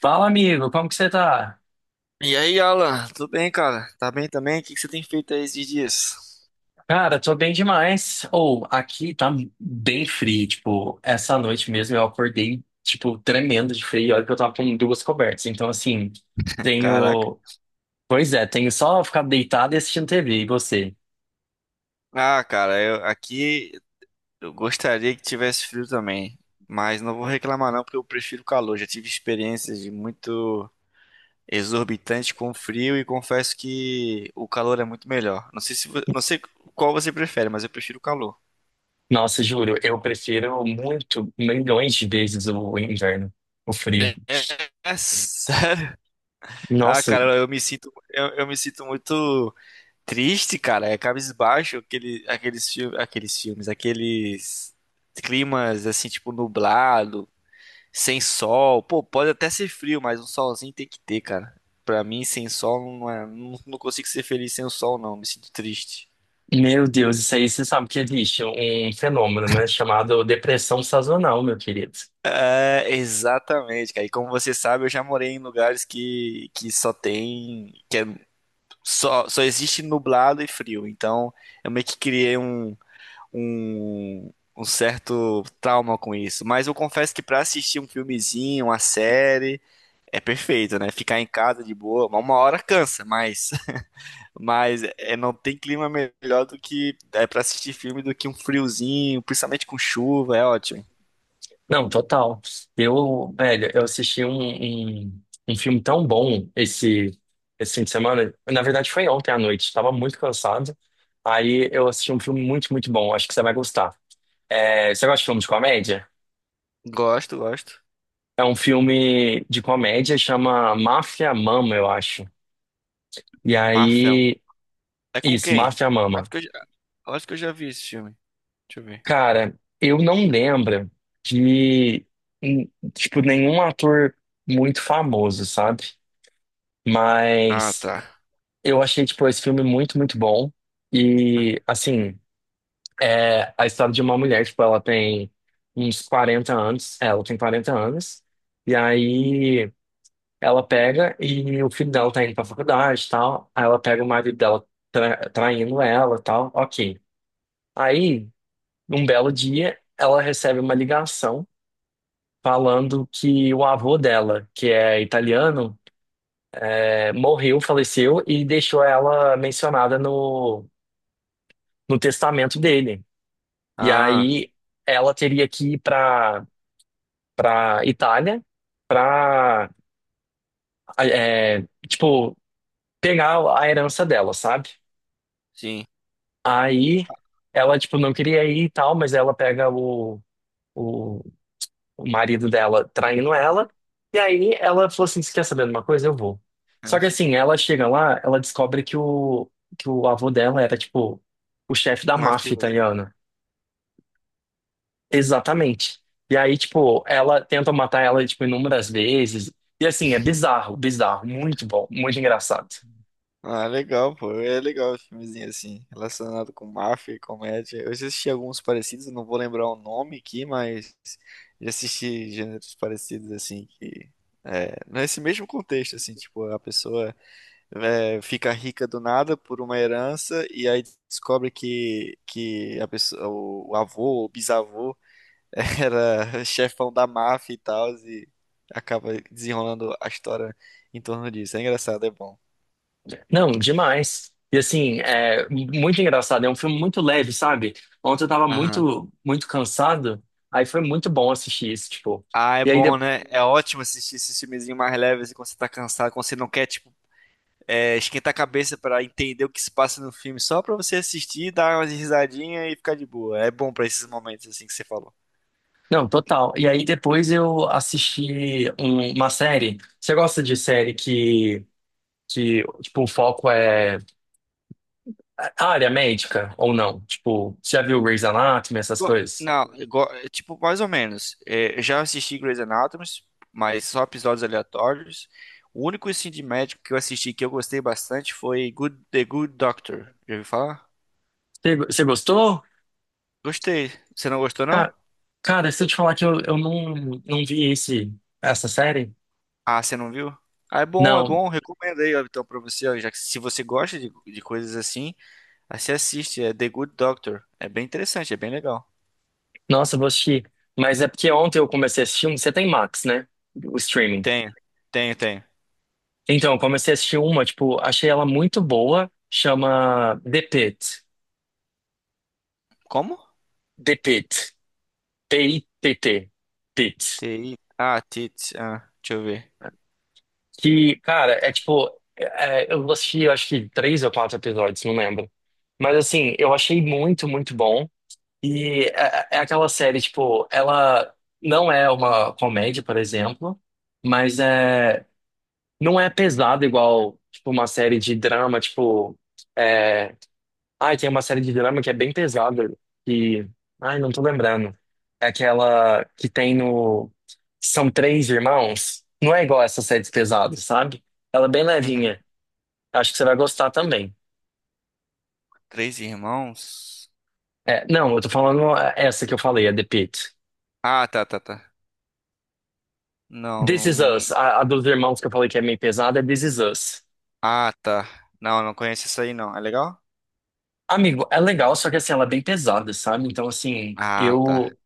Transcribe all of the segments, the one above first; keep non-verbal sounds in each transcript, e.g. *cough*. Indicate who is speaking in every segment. Speaker 1: Fala, amigo, como que você tá?
Speaker 2: E aí, Alan, tudo bem, cara? Tá bem também? O que você tem feito aí esses dias?
Speaker 1: Cara, tô bem demais. Ou, aqui tá bem frio, tipo, essa noite mesmo eu acordei, tipo, tremendo de frio, olha que eu tava com duas cobertas. Então, assim,
Speaker 2: Caraca.
Speaker 1: tenho... Pois é, tenho só ficar deitado e assistindo TV, e você?
Speaker 2: Ah, cara, eu aqui eu gostaria que tivesse frio também, mas não vou reclamar não, porque eu prefiro calor. Já tive experiências de muito exorbitante com frio e confesso que o calor é muito melhor. Não sei se, não sei qual você prefere, mas eu prefiro o calor.
Speaker 1: Nossa, juro, eu prefiro muito, milhões de vezes o inverno, o frio.
Speaker 2: É, é sério. *laughs* Ah,
Speaker 1: Nossa,
Speaker 2: cara, eu me sinto muito triste, cara, é cabisbaixo aqueles filmes, aqueles climas assim, tipo nublado, sem sol. Pô, pode até ser frio, mas um solzinho tem que ter, cara. Pra mim, sem sol não consigo ser feliz sem o sol, não. Me sinto triste.
Speaker 1: meu Deus, isso aí você sabe que existe um fenômeno, né, chamado depressão sazonal, meu querido.
Speaker 2: É, exatamente, cara. E como você sabe, eu já morei em lugares que só tem, que é, só existe nublado e frio. Então, eu meio que criei um certo trauma com isso. Mas eu confesso que pra assistir um filmezinho, uma série, é perfeito, né? Ficar em casa de boa, uma hora cansa, mas, *laughs* mas é, não tem clima melhor do que é para assistir filme do que um friozinho, principalmente com chuva, é ótimo.
Speaker 1: Não, total. Eu, velho, eu assisti um filme tão bom esse fim de semana. Na verdade, foi ontem à noite. Estava muito cansado. Aí eu assisti um filme muito, muito bom. Acho que você vai gostar. É, você gosta de filme de comédia?
Speaker 2: Gosto, gosto.
Speaker 1: É um filme de comédia, chama Máfia Mama, eu acho. E
Speaker 2: Máfia.
Speaker 1: aí.
Speaker 2: É com
Speaker 1: Isso,
Speaker 2: quem?
Speaker 1: Máfia
Speaker 2: Acho
Speaker 1: Mama.
Speaker 2: que eu já, acho que eu já vi esse filme. Deixa eu ver.
Speaker 1: Cara, eu não lembro de, hum, tipo, nenhum ator muito famoso, sabe?
Speaker 2: Ah,
Speaker 1: Mas
Speaker 2: tá.
Speaker 1: eu achei, tipo, esse filme muito, muito bom. E, assim, é a história de uma mulher, tipo, ela tem uns 40 anos. Ela tem 40 anos. E aí ela pega e o filho dela tá indo pra faculdade e tal. Aí ela pega o marido dela traindo ela e tal. Ok. Aí. Um belo dia, ela recebe uma ligação falando que o avô dela, que é italiano, morreu, faleceu e deixou ela mencionada no, no testamento dele. E
Speaker 2: Ah,
Speaker 1: aí ela teria que ir para para Itália para tipo pegar a herança dela, sabe?
Speaker 2: sim.
Speaker 1: Aí ela tipo não queria ir e tal, mas ela pega o o marido dela traindo ela. E aí ela falou assim: Você quer saber de uma coisa? Eu vou. Só que
Speaker 2: Ah,
Speaker 1: assim, ela chega lá, ela descobre que o avô dela era, tipo, o chefe da máfia
Speaker 2: mafioso.
Speaker 1: italiana. Exatamente. E aí, tipo, ela tenta matar ela, tipo, inúmeras vezes. E assim, é bizarro, bizarro. Muito bom, muito engraçado.
Speaker 2: Ah, legal, pô. É legal o filmezinho assim, relacionado com máfia e comédia. Eu já assisti alguns parecidos, eu não vou lembrar o nome aqui, mas já assisti gêneros parecidos assim que é, nesse mesmo contexto assim, tipo, a pessoa é, fica rica do nada por uma herança e aí descobre que a pessoa, o avô, o bisavô *laughs* era chefão da máfia e tal e acaba desenrolando a história em torno disso. É engraçado, é bom.
Speaker 1: Não, demais. E assim, é muito engraçado. É um filme muito leve, sabe? Ontem eu tava
Speaker 2: Aham.
Speaker 1: muito, muito cansado. Aí foi muito bom assistir isso, tipo.
Speaker 2: Ah, é
Speaker 1: E aí.
Speaker 2: bom, né? É ótimo assistir esses filmezinhos mais leves assim, quando você tá cansado, quando você não quer, tipo, é, esquentar a cabeça pra entender o que se passa no filme, só pra você assistir, dar umas risadinhas e ficar de boa. É bom pra esses momentos assim que você falou.
Speaker 1: Não, total. E aí depois eu assisti uma série. Você gosta de série que tipo, o foco é a área médica ou não? Tipo, você já viu Grey's Anatomy, essas
Speaker 2: Go-
Speaker 1: coisas?
Speaker 2: Não, é, tipo, mais ou menos. É, eu já assisti Grey's Anatomy, mas só episódios aleatórios. O único assim, de médico que eu assisti que eu gostei bastante foi The Good Doctor. Já ouviu falar?
Speaker 1: Você, você gostou?
Speaker 2: Gostei. Você não gostou, não?
Speaker 1: Ca- Cara, se eu te falar que eu não, não vi esse, essa série?
Speaker 2: Ah, você não viu? Ah, é bom, é
Speaker 1: Não.
Speaker 2: bom. Recomendo aí, ó, então, pra você, ó, já que se você gosta de coisas assim, aí você assiste, é The Good Doctor. É bem interessante, é bem legal.
Speaker 1: Nossa, eu vou assistir. Mas é porque ontem eu comecei a assistir um. Você tem Max, né? O streaming.
Speaker 2: Tenho, tenho, tenho.
Speaker 1: Então, eu comecei a assistir uma, tipo, achei ela muito boa. Chama The Pitt.
Speaker 2: Como?
Speaker 1: The Pitt. T-I-T-T. Tit.
Speaker 2: TI. Ah, Tits. Ah, deixa eu ver.
Speaker 1: Que, cara,
Speaker 2: Eita.
Speaker 1: é tipo. Eu assisti, eu acho que três ou quatro episódios, não lembro. Mas, assim, eu achei muito, muito bom. E é, é aquela série, tipo, ela não é uma comédia, por exemplo, mas é, não é pesada igual, tipo, uma série de drama, tipo. é, Ai, tem uma série de drama que é bem pesada, que... Ai, não tô lembrando. É aquela que tem no... São três irmãos. Não é igual essas séries pesadas, sabe? Ela é bem
Speaker 2: Uhum.
Speaker 1: levinha. Acho que você vai gostar também.
Speaker 2: Três irmãos?
Speaker 1: É, não, eu tô falando essa que eu falei, a The Pitt.
Speaker 2: Ah, tá, tá, tá. Não,
Speaker 1: This
Speaker 2: não,
Speaker 1: Is
Speaker 2: não.
Speaker 1: Us, a dos irmãos que eu falei que é meio pesada, é This Is Us.
Speaker 2: Ah, tá. Não, não conheço isso aí, não. É legal?
Speaker 1: Amigo, é legal, só que assim, ela é bem pesada, sabe? Então, assim,
Speaker 2: Ah, tá.
Speaker 1: eu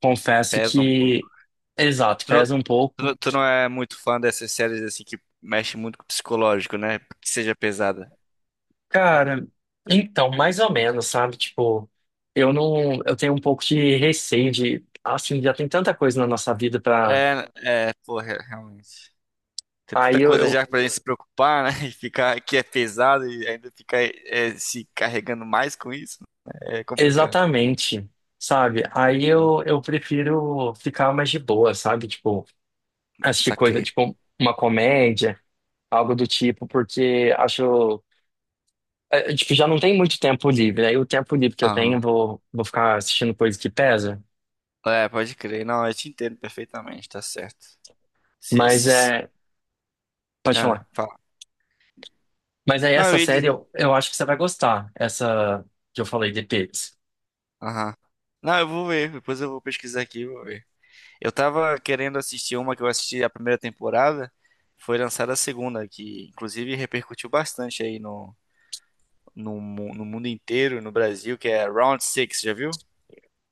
Speaker 1: confesso
Speaker 2: Pesa um
Speaker 1: que,
Speaker 2: pouco.
Speaker 1: exato,
Speaker 2: Tu não,
Speaker 1: pesa um pouco.
Speaker 2: tu não é muito fã dessas séries assim que mexe muito com o psicológico, né? Que seja pesada.
Speaker 1: Cara, então, mais ou menos, sabe? Tipo, eu não, eu tenho um pouco de receio de, assim, já tem tanta coisa na nossa vida pra,
Speaker 2: É, é, porra, realmente. Tem
Speaker 1: aí
Speaker 2: tanta coisa já pra gente se preocupar, né? *laughs* E ficar que é pesado e ainda ficar é, se carregando mais com isso. Né? É complicado.
Speaker 1: exatamente, sabe? Aí
Speaker 2: Uhum.
Speaker 1: eu prefiro ficar mais de boa, sabe? Tipo, assistir coisa,
Speaker 2: Saquei.
Speaker 1: tipo, uma comédia, algo do tipo, porque acho, tipo, já não tem muito tempo livre, aí o tempo livre que eu tenho,
Speaker 2: Aham.
Speaker 1: vou ficar assistindo coisa que pesa,
Speaker 2: É, pode crer. Não, eu te entendo perfeitamente, tá certo. Se,
Speaker 1: mas
Speaker 2: se, se-
Speaker 1: é, pode
Speaker 2: Ah,
Speaker 1: falar.
Speaker 2: fala.
Speaker 1: Mas aí
Speaker 2: Não,
Speaker 1: essa
Speaker 2: eu ia
Speaker 1: série
Speaker 2: dizer.
Speaker 1: eu acho que você vai gostar. Essa que eu falei, The Pigs.
Speaker 2: Aham. Não, eu vou ver. Depois eu vou pesquisar aqui e vou ver. Eu tava querendo assistir uma que eu assisti a primeira temporada. Foi lançada a segunda, que inclusive repercutiu bastante aí no no mundo inteiro, no Brasil, que é Round Six, já viu?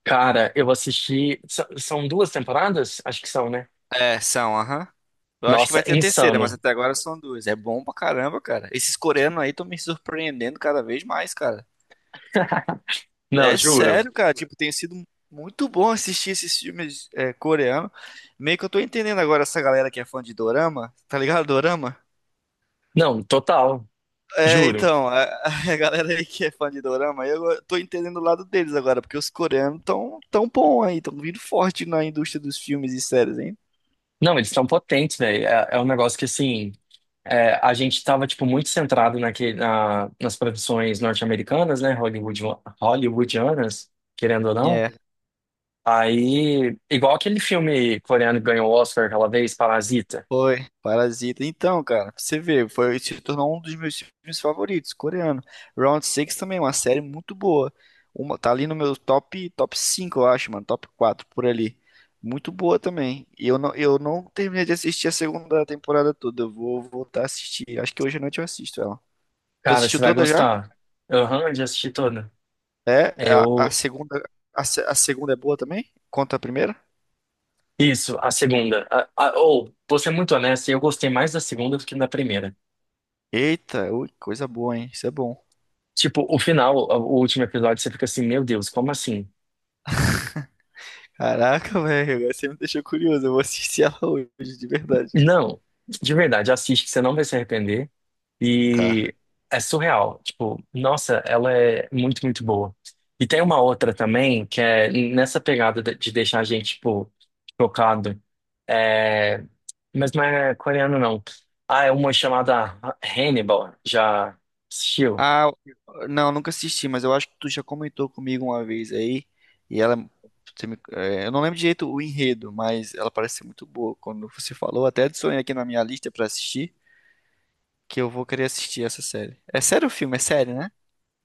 Speaker 1: Cara, eu assisti. São duas temporadas? Acho que são, né?
Speaker 2: É, são, aham. Eu acho que
Speaker 1: Nossa,
Speaker 2: vai ter a terceira, mas
Speaker 1: insano.
Speaker 2: até agora são duas. É bom pra caramba, cara. Esses coreanos aí estão me surpreendendo cada vez mais, cara.
Speaker 1: Não,
Speaker 2: É
Speaker 1: juro.
Speaker 2: sério, cara. Tipo, tem sido muito bom assistir esses filmes é, coreanos. Meio que eu tô entendendo agora essa galera que é fã de dorama, tá ligado? Dorama?
Speaker 1: Não, total.
Speaker 2: É,
Speaker 1: Juro.
Speaker 2: então, a, *laughs* a galera aí que é fã de dorama, eu tô entendendo o lado deles agora, porque os coreanos tão bom aí, tão vindo forte na indústria dos filmes e séries, hein?
Speaker 1: Não, eles estão potentes, velho. É, é um negócio que, assim. A gente tava, tipo, muito centrado naquele, na, nas produções norte-americanas, né? Hollywood, hollywoodianas, querendo ou não.
Speaker 2: É,
Speaker 1: Aí, igual aquele filme coreano que ganhou o Oscar aquela vez, Parasita.
Speaker 2: foi. Parasita. Então, cara, pra você ver, foi, se tornou um dos meus filmes favoritos, coreano. Round Six também, é uma série muito boa. Uma, tá ali no meu top 5, eu acho, mano. Top 4 por ali. Muito boa também. Eu não terminei de assistir a segunda temporada toda. Eu vou voltar a assistir. Acho que hoje à noite eu assisto ela. Tu
Speaker 1: Cara,
Speaker 2: assistiu
Speaker 1: você vai
Speaker 2: toda já?
Speaker 1: gostar. Aham, eu já assisti toda.
Speaker 2: A
Speaker 1: Eu.
Speaker 2: segunda, a, se- a segunda é boa também? Conta a primeira?
Speaker 1: Isso, a segunda. Ou, vou ser muito honesto, eu gostei mais da segunda do que da primeira.
Speaker 2: Eita, ui, coisa boa, hein? Isso é bom.
Speaker 1: Tipo, o final, o último episódio, você fica assim, meu Deus, como assim?
Speaker 2: Caraca, velho, agora você me deixou curioso. Eu vou assistir ela *laughs* hoje, de verdade.
Speaker 1: Não, de verdade, assiste que você não vai se arrepender.
Speaker 2: Tá.
Speaker 1: E é surreal. Tipo, nossa, ela é muito, muito boa. E tem uma outra também, que é nessa pegada de deixar a gente, tipo, chocado. É... Mas não é coreano, não. Ah, é uma chamada Hannibal. Já assistiu?
Speaker 2: Ah, não, nunca assisti, mas eu acho que tu já comentou comigo uma vez aí. E ela. É, eu não lembro direito o enredo, mas ela parece ser muito boa. Quando você falou, até adicionei aqui na minha lista pra assistir, que eu vou querer assistir essa série. É sério o filme? É sério, né?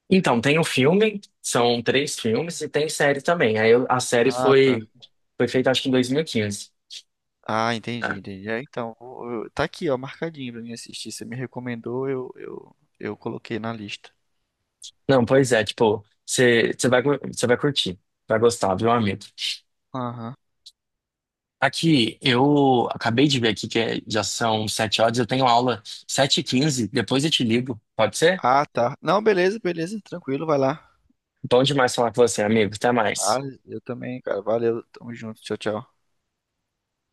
Speaker 1: Então, tem o filme, são três filmes, e tem série também. A série
Speaker 2: Ah, tá.
Speaker 1: foi, foi feita, acho que em 2015.
Speaker 2: Ah, entendi,
Speaker 1: Tá?
Speaker 2: entendi. É, então, tá aqui, ó, marcadinho pra mim assistir. Você me recomendou, eu coloquei na lista.
Speaker 1: Não, pois é, tipo, você vai, você vai curtir. Vai gostar, viu, amigo?
Speaker 2: Aham.
Speaker 1: Aqui, eu acabei de ver aqui já são 7 horas, eu tenho aula 7h15, depois eu te ligo, pode ser?
Speaker 2: Ah, tá. Não, beleza, beleza, tranquilo, vai lá.
Speaker 1: Bom demais falar com você, amigo, até
Speaker 2: Ah,
Speaker 1: mais.
Speaker 2: eu também, cara. Valeu, tamo junto. Tchau, tchau.